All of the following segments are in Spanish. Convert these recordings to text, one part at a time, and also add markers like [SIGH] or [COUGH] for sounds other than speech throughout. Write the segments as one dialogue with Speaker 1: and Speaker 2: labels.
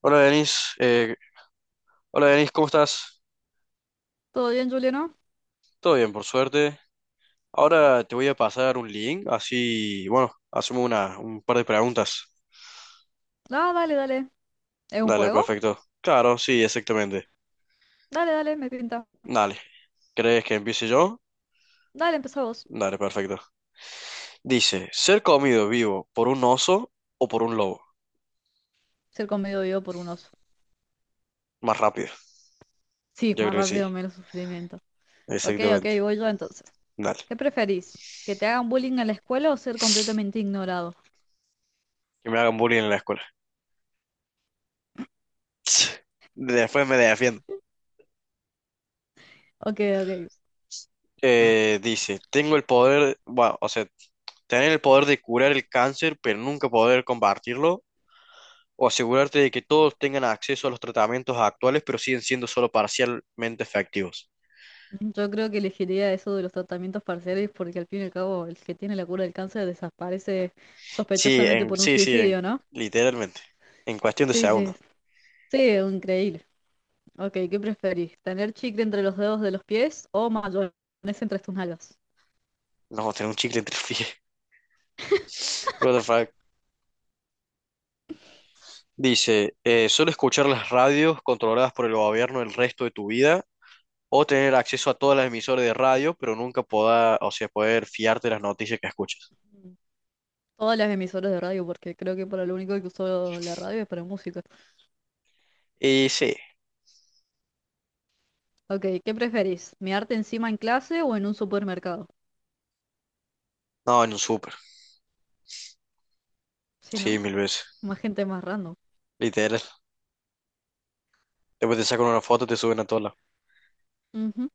Speaker 1: Hola Denis, eh, Hola Denis, ¿cómo estás?
Speaker 2: ¿Todo bien, Juliano?
Speaker 1: Todo bien, por suerte. Ahora te voy a pasar un link, así, bueno, hacemos un par de preguntas.
Speaker 2: Ah, dale, dale. ¿Es un
Speaker 1: Dale,
Speaker 2: juego?
Speaker 1: perfecto. Claro, sí, exactamente.
Speaker 2: Dale, dale, me pinta.
Speaker 1: Dale, ¿crees que empiece yo?
Speaker 2: Dale, empezá vos.
Speaker 1: Dale, perfecto. Dice, ¿ser comido vivo por un oso o por un lobo?
Speaker 2: Ser comido vivo por un oso.
Speaker 1: Más rápido.
Speaker 2: Sí,
Speaker 1: Yo
Speaker 2: más
Speaker 1: creo que sí,
Speaker 2: rápido, menos sufrimiento. Ok, ok,
Speaker 1: exactamente.
Speaker 2: voy yo entonces.
Speaker 1: Dale,
Speaker 2: ¿Qué preferís? ¿Que te hagan bullying en la escuela o ser completamente ignorado?
Speaker 1: que me hagan bullying en la escuela. Después me defiendo.
Speaker 2: Ok, ok.
Speaker 1: Dice, bueno, o sea, tener el poder de curar el cáncer, pero nunca poder combatirlo. O asegurarte de que todos tengan acceso a los tratamientos actuales, pero siguen siendo solo parcialmente efectivos.
Speaker 2: Yo creo que elegiría eso de los tratamientos parciales porque al fin y al cabo el que tiene la cura del cáncer desaparece
Speaker 1: Sí,
Speaker 2: sospechosamente por un
Speaker 1: sí, sí,
Speaker 2: suicidio, ¿no?
Speaker 1: literalmente. En cuestión de
Speaker 2: Sí, sí,
Speaker 1: segundos.
Speaker 2: sí, increíble. Ok, ¿qué preferís? ¿Tener chicle entre los dedos de los pies o mayonesa entre tus nalgas?
Speaker 1: Nos vamos a tener un chicle entre los pies. [LAUGHS] What the fuck. Dice, solo escuchar las radios controladas por el gobierno el resto de tu vida, o tener acceso a todas las emisoras de radio, pero nunca poder, o sea, poder fiarte de las noticias que escuchas.
Speaker 2: Mm. Todas las emisoras de radio, porque creo que para lo único que uso la radio es para música.
Speaker 1: Y sí,
Speaker 2: Ok, ¿qué preferís? ¿Mearte encima en clase o en un supermercado?
Speaker 1: no, en un súper,
Speaker 2: Si
Speaker 1: sí,
Speaker 2: no,
Speaker 1: mil veces,
Speaker 2: más gente más random.
Speaker 1: literal. Después te sacan una foto y te suben a todos lados.
Speaker 2: Ujú.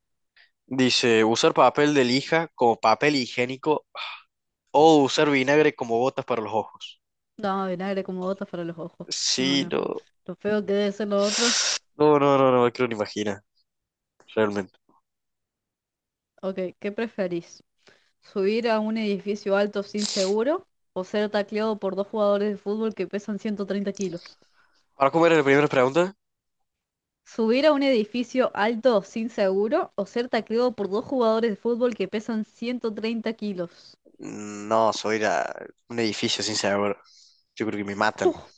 Speaker 1: Dice, usar papel de lija como papel higiénico o usar vinagre como botas para los ojos.
Speaker 2: No, vinagre como botas para los ojos. No,
Speaker 1: Sí,
Speaker 2: no.
Speaker 1: no.
Speaker 2: Lo feo que debe ser lo otro.
Speaker 1: No, no, no, no me quiero ni imaginar, realmente.
Speaker 2: Ok, ¿qué preferís? ¿Subir a un edificio alto sin seguro o ser tacleado por dos jugadores de fútbol que pesan 130 kilos?
Speaker 1: ¿Para comer era la primera pregunta?
Speaker 2: ¿Subir a un edificio alto sin seguro o ser tacleado por dos jugadores de fútbol que pesan 130 kilos?
Speaker 1: No, soy un edificio sin sabor. Yo creo que me matan.
Speaker 2: Uf.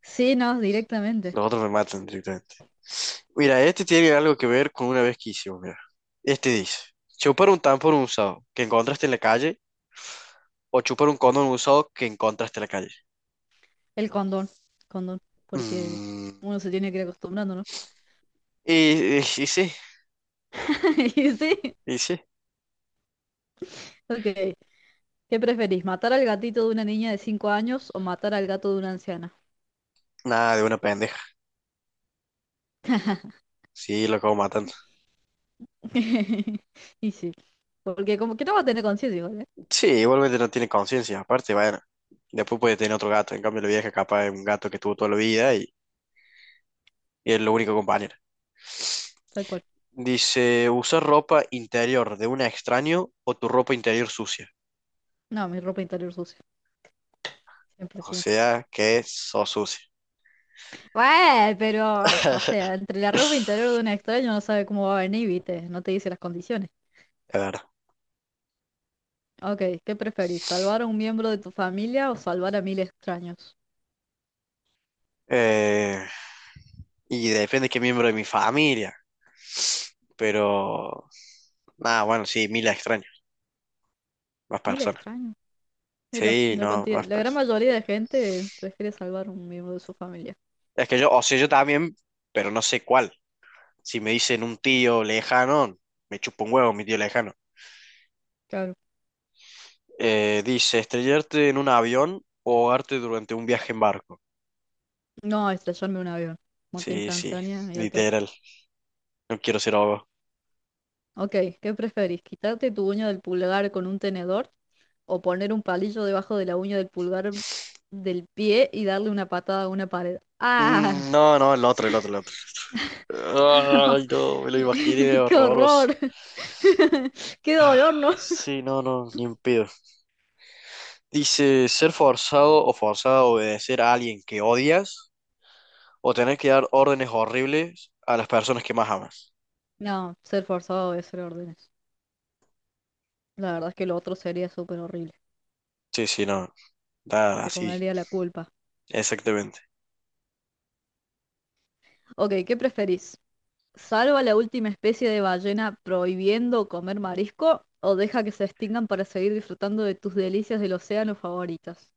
Speaker 2: Sí, no, directamente.
Speaker 1: Los otros me matan directamente. Mira, este tiene algo que ver con una vez que hicimos, mira. Este dice, chupar un tampón usado que encontraste en la calle o chupar un condón usado que encontraste en la calle.
Speaker 2: El condón, condón, porque
Speaker 1: Mm.
Speaker 2: uno se tiene que ir acostumbrando, ¿no?
Speaker 1: Y sí,
Speaker 2: [LAUGHS] Y sí,
Speaker 1: y sí.
Speaker 2: ok. ¿Qué preferís, matar al gatito de una niña de 5 años o matar al gato de una anciana?
Speaker 1: Nada, de una pendeja. Sí, lo acabo matando.
Speaker 2: [LAUGHS] Y sí, porque como que no va a tener conciencia igual, ¿eh?
Speaker 1: Sí, igualmente no tiene conciencia. Aparte, bueno, después puede tener otro gato. En cambio, la vieja capaz es un gato que tuvo toda la vida y es lo único compañero.
Speaker 2: Tal cual.
Speaker 1: Dice, usar ropa interior de un extraño o tu ropa interior sucia.
Speaker 2: No, mi ropa interior sucia. Siempre,
Speaker 1: O
Speaker 2: siempre.
Speaker 1: sea, que sos sucia.
Speaker 2: Bueno, pero, o sea,
Speaker 1: [LAUGHS]
Speaker 2: entre la ropa interior de un extraño no sabe cómo va a venir, ¿viste? No te dice las condiciones.
Speaker 1: Es verdad.
Speaker 2: Ok, ¿qué preferís? ¿Salvar a un miembro de tu familia o salvar a 1.000 extraños?
Speaker 1: Eh, y depende de qué miembro de mi familia. Pero, nada, bueno, sí, mil extraños. Más
Speaker 2: Mil
Speaker 1: personas.
Speaker 2: extraños. Mira,
Speaker 1: Sí,
Speaker 2: la
Speaker 1: no,
Speaker 2: cantidad,
Speaker 1: más
Speaker 2: la gran
Speaker 1: personas.
Speaker 2: mayoría de gente prefiere salvar un miembro de su familia.
Speaker 1: Es que yo, o sea, yo también, pero no sé cuál. Si me dicen un tío lejano, me chupo un huevo mi tío lejano.
Speaker 2: Claro.
Speaker 1: Dice, estrellarte en un avión o ahogarte durante un viaje en barco.
Speaker 2: No, estrellarme un avión. Muerte
Speaker 1: Sí, sí,
Speaker 2: instantánea y al toque.
Speaker 1: literal. No quiero ser ahogado.
Speaker 2: Ok, ¿qué preferís? ¿Quitarte tu uña del pulgar con un tenedor o poner un palillo debajo de la uña del pulgar del pie y darle una patada a una pared? ¡Ah!
Speaker 1: No, no, el otro, el otro, el otro. Ay,
Speaker 2: [LAUGHS]
Speaker 1: no, me lo imaginé
Speaker 2: ¡Qué
Speaker 1: horroroso.
Speaker 2: horror! [LAUGHS] Qué
Speaker 1: Ah,
Speaker 2: dolor, ¿no?
Speaker 1: sí, no, no, ni un pedo. Dice, ser forzado a obedecer a alguien que odias o tener que dar órdenes horribles a las personas que más amas.
Speaker 2: No, ser forzado a obedecer órdenes. La verdad es que lo otro sería súper horrible.
Speaker 1: Sí, sí, no. Da
Speaker 2: Te
Speaker 1: así,
Speaker 2: comería la culpa.
Speaker 1: exactamente.
Speaker 2: Ok, ¿qué preferís? ¿Salva la última especie de ballena prohibiendo comer marisco o deja que se extingan para seguir disfrutando de tus delicias del océano favoritas?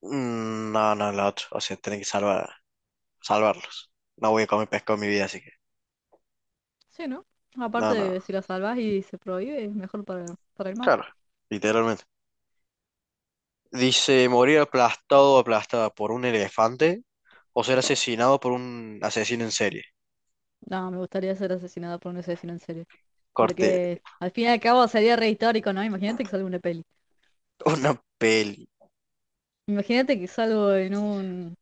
Speaker 1: No, no, la otra. O sea, tienen que salvarlos. No voy a comer pescado en mi vida, así que.
Speaker 2: Sí, ¿no? Aparte
Speaker 1: No, no.
Speaker 2: de si la salvas y se prohíbe, es mejor para el mar.
Speaker 1: Claro, literalmente. Dice, morir aplastado o aplastada por un elefante o ser asesinado por un asesino en serie.
Speaker 2: No, me gustaría ser asesinada por un asesino en serie.
Speaker 1: Corte,
Speaker 2: Porque al fin y al cabo sería re histórico, ¿no? Imagínate que salgo en una peli.
Speaker 1: una peli.
Speaker 2: Imagínate que salgo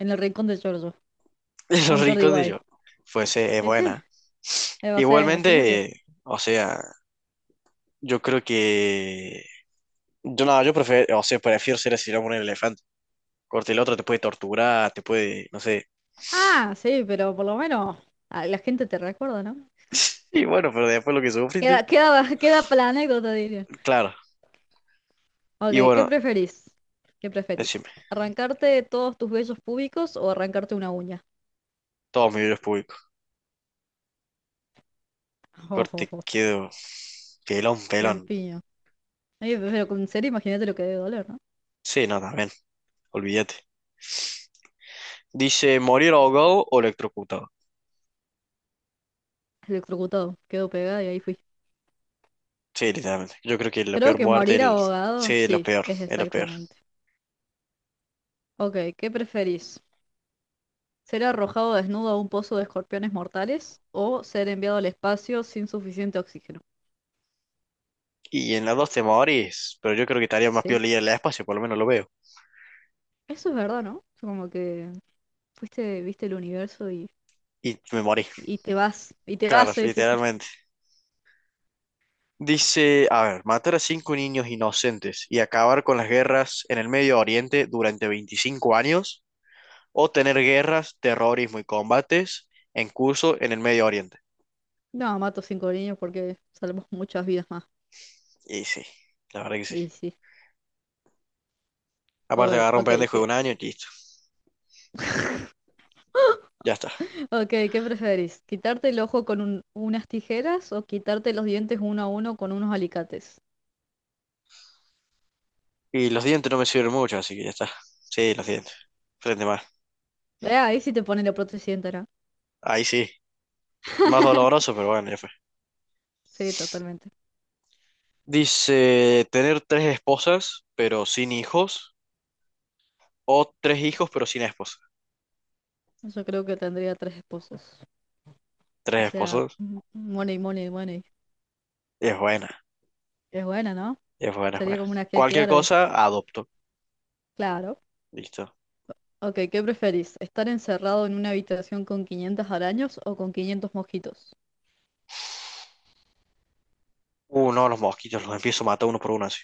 Speaker 2: en el rincón de Giorgio.
Speaker 1: [LAUGHS]
Speaker 2: O
Speaker 1: Los
Speaker 2: en Jordi
Speaker 1: ricos de
Speaker 2: Wild.
Speaker 1: yo. Pues es
Speaker 2: Sí, sí.
Speaker 1: buena.
Speaker 2: O sea, imagínate.
Speaker 1: Igualmente, o sea, yo creo que. Yo no, yo prefiero, o sea, prefiero ser asesinado por un elefante. Corte el otro, te puede torturar, te puede, no sé.
Speaker 2: Ah, sí, pero por lo menos la gente te recuerda, ¿no?
Speaker 1: Y bueno, pero después lo que sufriste,
Speaker 2: Queda, queda, [LAUGHS] queda para la anécdota, diría.
Speaker 1: claro. Y
Speaker 2: Ok, ¿qué
Speaker 1: bueno,
Speaker 2: preferís? ¿Qué
Speaker 1: decime,
Speaker 2: preferís? ¿Arrancarte todos tus vellos públicos o arrancarte una uña? [LAUGHS]
Speaker 1: todos mis videos públicos.
Speaker 2: Oh,
Speaker 1: Corte,
Speaker 2: oh, oh,
Speaker 1: quedo pelón, pelón.
Speaker 2: lampiño. Ay, pero con serio, imagínate lo que debe doler, ¿no?
Speaker 1: Sí, no, también, olvídate. Dice, morir ahogado o electrocutado.
Speaker 2: Electrocutado, quedó pegada y ahí fui.
Speaker 1: Sí, literalmente. Yo creo que la
Speaker 2: Creo
Speaker 1: peor
Speaker 2: que
Speaker 1: muerte,
Speaker 2: morir
Speaker 1: sí,
Speaker 2: ahogado,
Speaker 1: es lo
Speaker 2: sí,
Speaker 1: peor,
Speaker 2: es
Speaker 1: es lo peor.
Speaker 2: exactamente. Ok, ¿qué preferís? ¿Ser arrojado desnudo a un pozo de escorpiones mortales o ser enviado al espacio sin suficiente oxígeno?
Speaker 1: Y en las dos te morís, pero yo creo que estaría más peor
Speaker 2: Sí,
Speaker 1: leer el espacio, por lo menos lo veo.
Speaker 2: eso es verdad, ¿no? Como que fuiste, viste el universo y
Speaker 1: Y me morí.
Speaker 2: Y te vas, y te vas,
Speaker 1: Claro,
Speaker 2: sí, sí, sí.
Speaker 1: literalmente. Dice, a ver, matar a cinco niños inocentes y acabar con las guerras en el Medio Oriente durante 25 años, o tener guerras, terrorismo y combates en curso en el Medio Oriente.
Speaker 2: No, mato cinco niños porque salvamos muchas vidas más.
Speaker 1: Y sí, la verdad que sí.
Speaker 2: Y sí. A
Speaker 1: Aparte
Speaker 2: ver,
Speaker 1: agarra un
Speaker 2: ok,
Speaker 1: pendejo de un año y listo, ya está.
Speaker 2: ok, ¿qué preferís? ¿Quitarte el ojo con unas tijeras o quitarte los dientes uno a uno con unos alicates?
Speaker 1: Y los dientes no me sirven mucho, así que ya está. Sí, los dientes. Frente más.
Speaker 2: Ahí sí te pone la prótesis entera.
Speaker 1: Ahí sí. Más
Speaker 2: [LAUGHS]
Speaker 1: doloroso, pero bueno, ya fue.
Speaker 2: Sí, totalmente.
Speaker 1: Dice, tener tres esposas, pero sin hijos, o tres hijos, pero sin esposa.
Speaker 2: Yo creo que tendría tres esposos. O
Speaker 1: Tres
Speaker 2: sea,
Speaker 1: esposos.
Speaker 2: money, money, money.
Speaker 1: Es buena.
Speaker 2: Es buena, ¿no?
Speaker 1: Es buena, es
Speaker 2: Sería
Speaker 1: buena.
Speaker 2: como una que
Speaker 1: Cualquier
Speaker 2: árabe.
Speaker 1: cosa, adopto.
Speaker 2: Claro.
Speaker 1: Listo.
Speaker 2: Ok, ¿qué preferís? ¿Estar encerrado en una habitación con 500 araños o con 500 mosquitos?
Speaker 1: No, los mosquitos los empiezo a matar uno por uno así.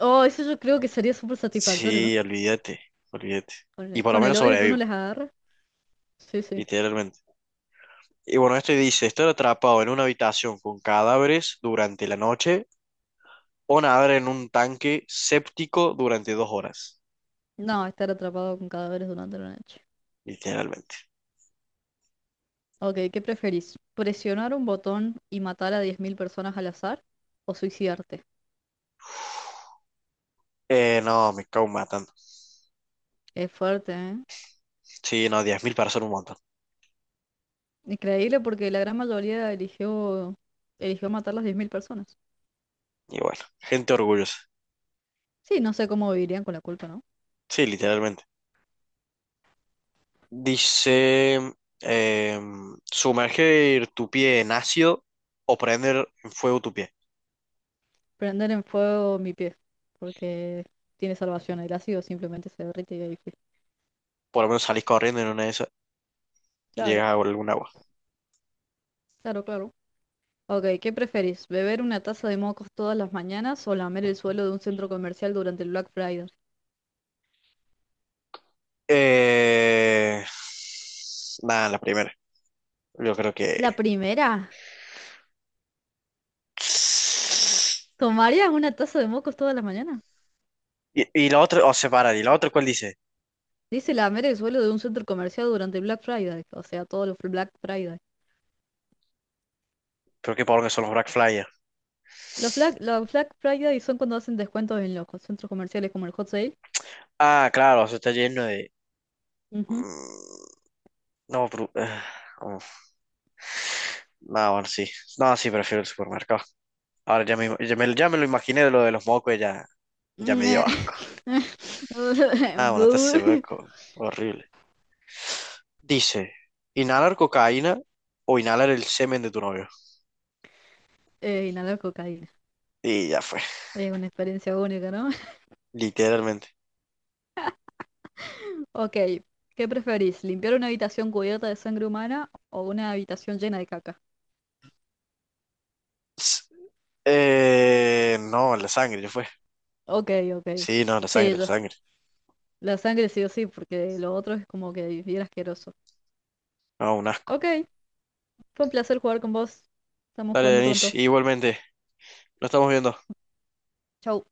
Speaker 2: Oh, eso yo creo que sería súper satisfactorio, ¿no?
Speaker 1: Sí, olvídate, olvídate.
Speaker 2: Con
Speaker 1: Y
Speaker 2: el,
Speaker 1: por lo
Speaker 2: con el
Speaker 1: menos
Speaker 2: odio que uno
Speaker 1: sobrevivo,
Speaker 2: les agarra. Sí, sí.
Speaker 1: literalmente. Y bueno, esto dice, estar atrapado en una habitación con cadáveres durante la noche o nadar en un tanque séptico durante 2 horas,
Speaker 2: No, estar atrapado con cadáveres durante la noche.
Speaker 1: literalmente.
Speaker 2: Ok, ¿qué preferís? ¿Presionar un botón y matar a 10.000 personas al azar? ¿O suicidarte?
Speaker 1: No, me cago matando.
Speaker 2: Es fuerte, ¿eh?
Speaker 1: Sí, no, 10.000 para ser un montón.
Speaker 2: Increíble porque la gran mayoría eligió matar a las 10.000 personas.
Speaker 1: Y bueno, gente orgullosa.
Speaker 2: Sí, no sé cómo vivirían con la culpa, ¿no?
Speaker 1: Sí, literalmente. Dice, sumergir tu pie en ácido o prender en fuego tu pie.
Speaker 2: Prender en fuego mi pie, porque tiene salvación. El ácido simplemente se derrite y ahí fue.
Speaker 1: Por lo menos salís corriendo y en una de esas,
Speaker 2: Claro,
Speaker 1: llegas a algún agua.
Speaker 2: claro, claro. Ok, ¿qué preferís? ¿Beber una taza de mocos todas las mañanas o lamer el suelo de un centro comercial durante el Black Friday?
Speaker 1: Eh, Nada, la primera. Yo creo que.
Speaker 2: La primera, ¿tomarías una taza de mocos todas las mañanas?
Speaker 1: Y la otra, o separar, y la otra, ¿cuál dice?
Speaker 2: Dice lamer el suelo de un centro comercial durante el Black Friday, o sea, todos los Black Friday.
Speaker 1: Creo que por que son los Black Flyers.
Speaker 2: Los Black Friday son cuando hacen descuentos en los centros comerciales como el Hot Sale.
Speaker 1: Ah, claro, eso está lleno de. Mm, No, pero, ah, uf. No, bueno, sí. No, sí, prefiero el supermercado. Ahora ya me lo imaginé de lo de los mocos, ya me dio
Speaker 2: Ujú.
Speaker 1: asco. Ah, bueno, te hace ve
Speaker 2: [LAUGHS]
Speaker 1: horrible. Dice, inhalar cocaína o inhalar el semen de tu novio.
Speaker 2: Inhalar cocaína.
Speaker 1: Y ya fue,
Speaker 2: Es una experiencia única, ¿no?
Speaker 1: literalmente.
Speaker 2: Ok, ¿qué preferís? ¿Limpiar una habitación cubierta de sangre humana o una habitación llena de caca?
Speaker 1: S- no, la sangre, ya fue.
Speaker 2: Ok, ok.
Speaker 1: Sí, no, la sangre,
Speaker 2: Sí,
Speaker 1: la
Speaker 2: yo.
Speaker 1: sangre.
Speaker 2: La sangre sí o sí, porque lo otro es como que bien asqueroso.
Speaker 1: No, un asco.
Speaker 2: Ok, fue un placer jugar con vos. Estamos
Speaker 1: Dale,
Speaker 2: jugando
Speaker 1: Denis
Speaker 2: pronto.
Speaker 1: igualmente, lo estamos viendo.
Speaker 2: Chau.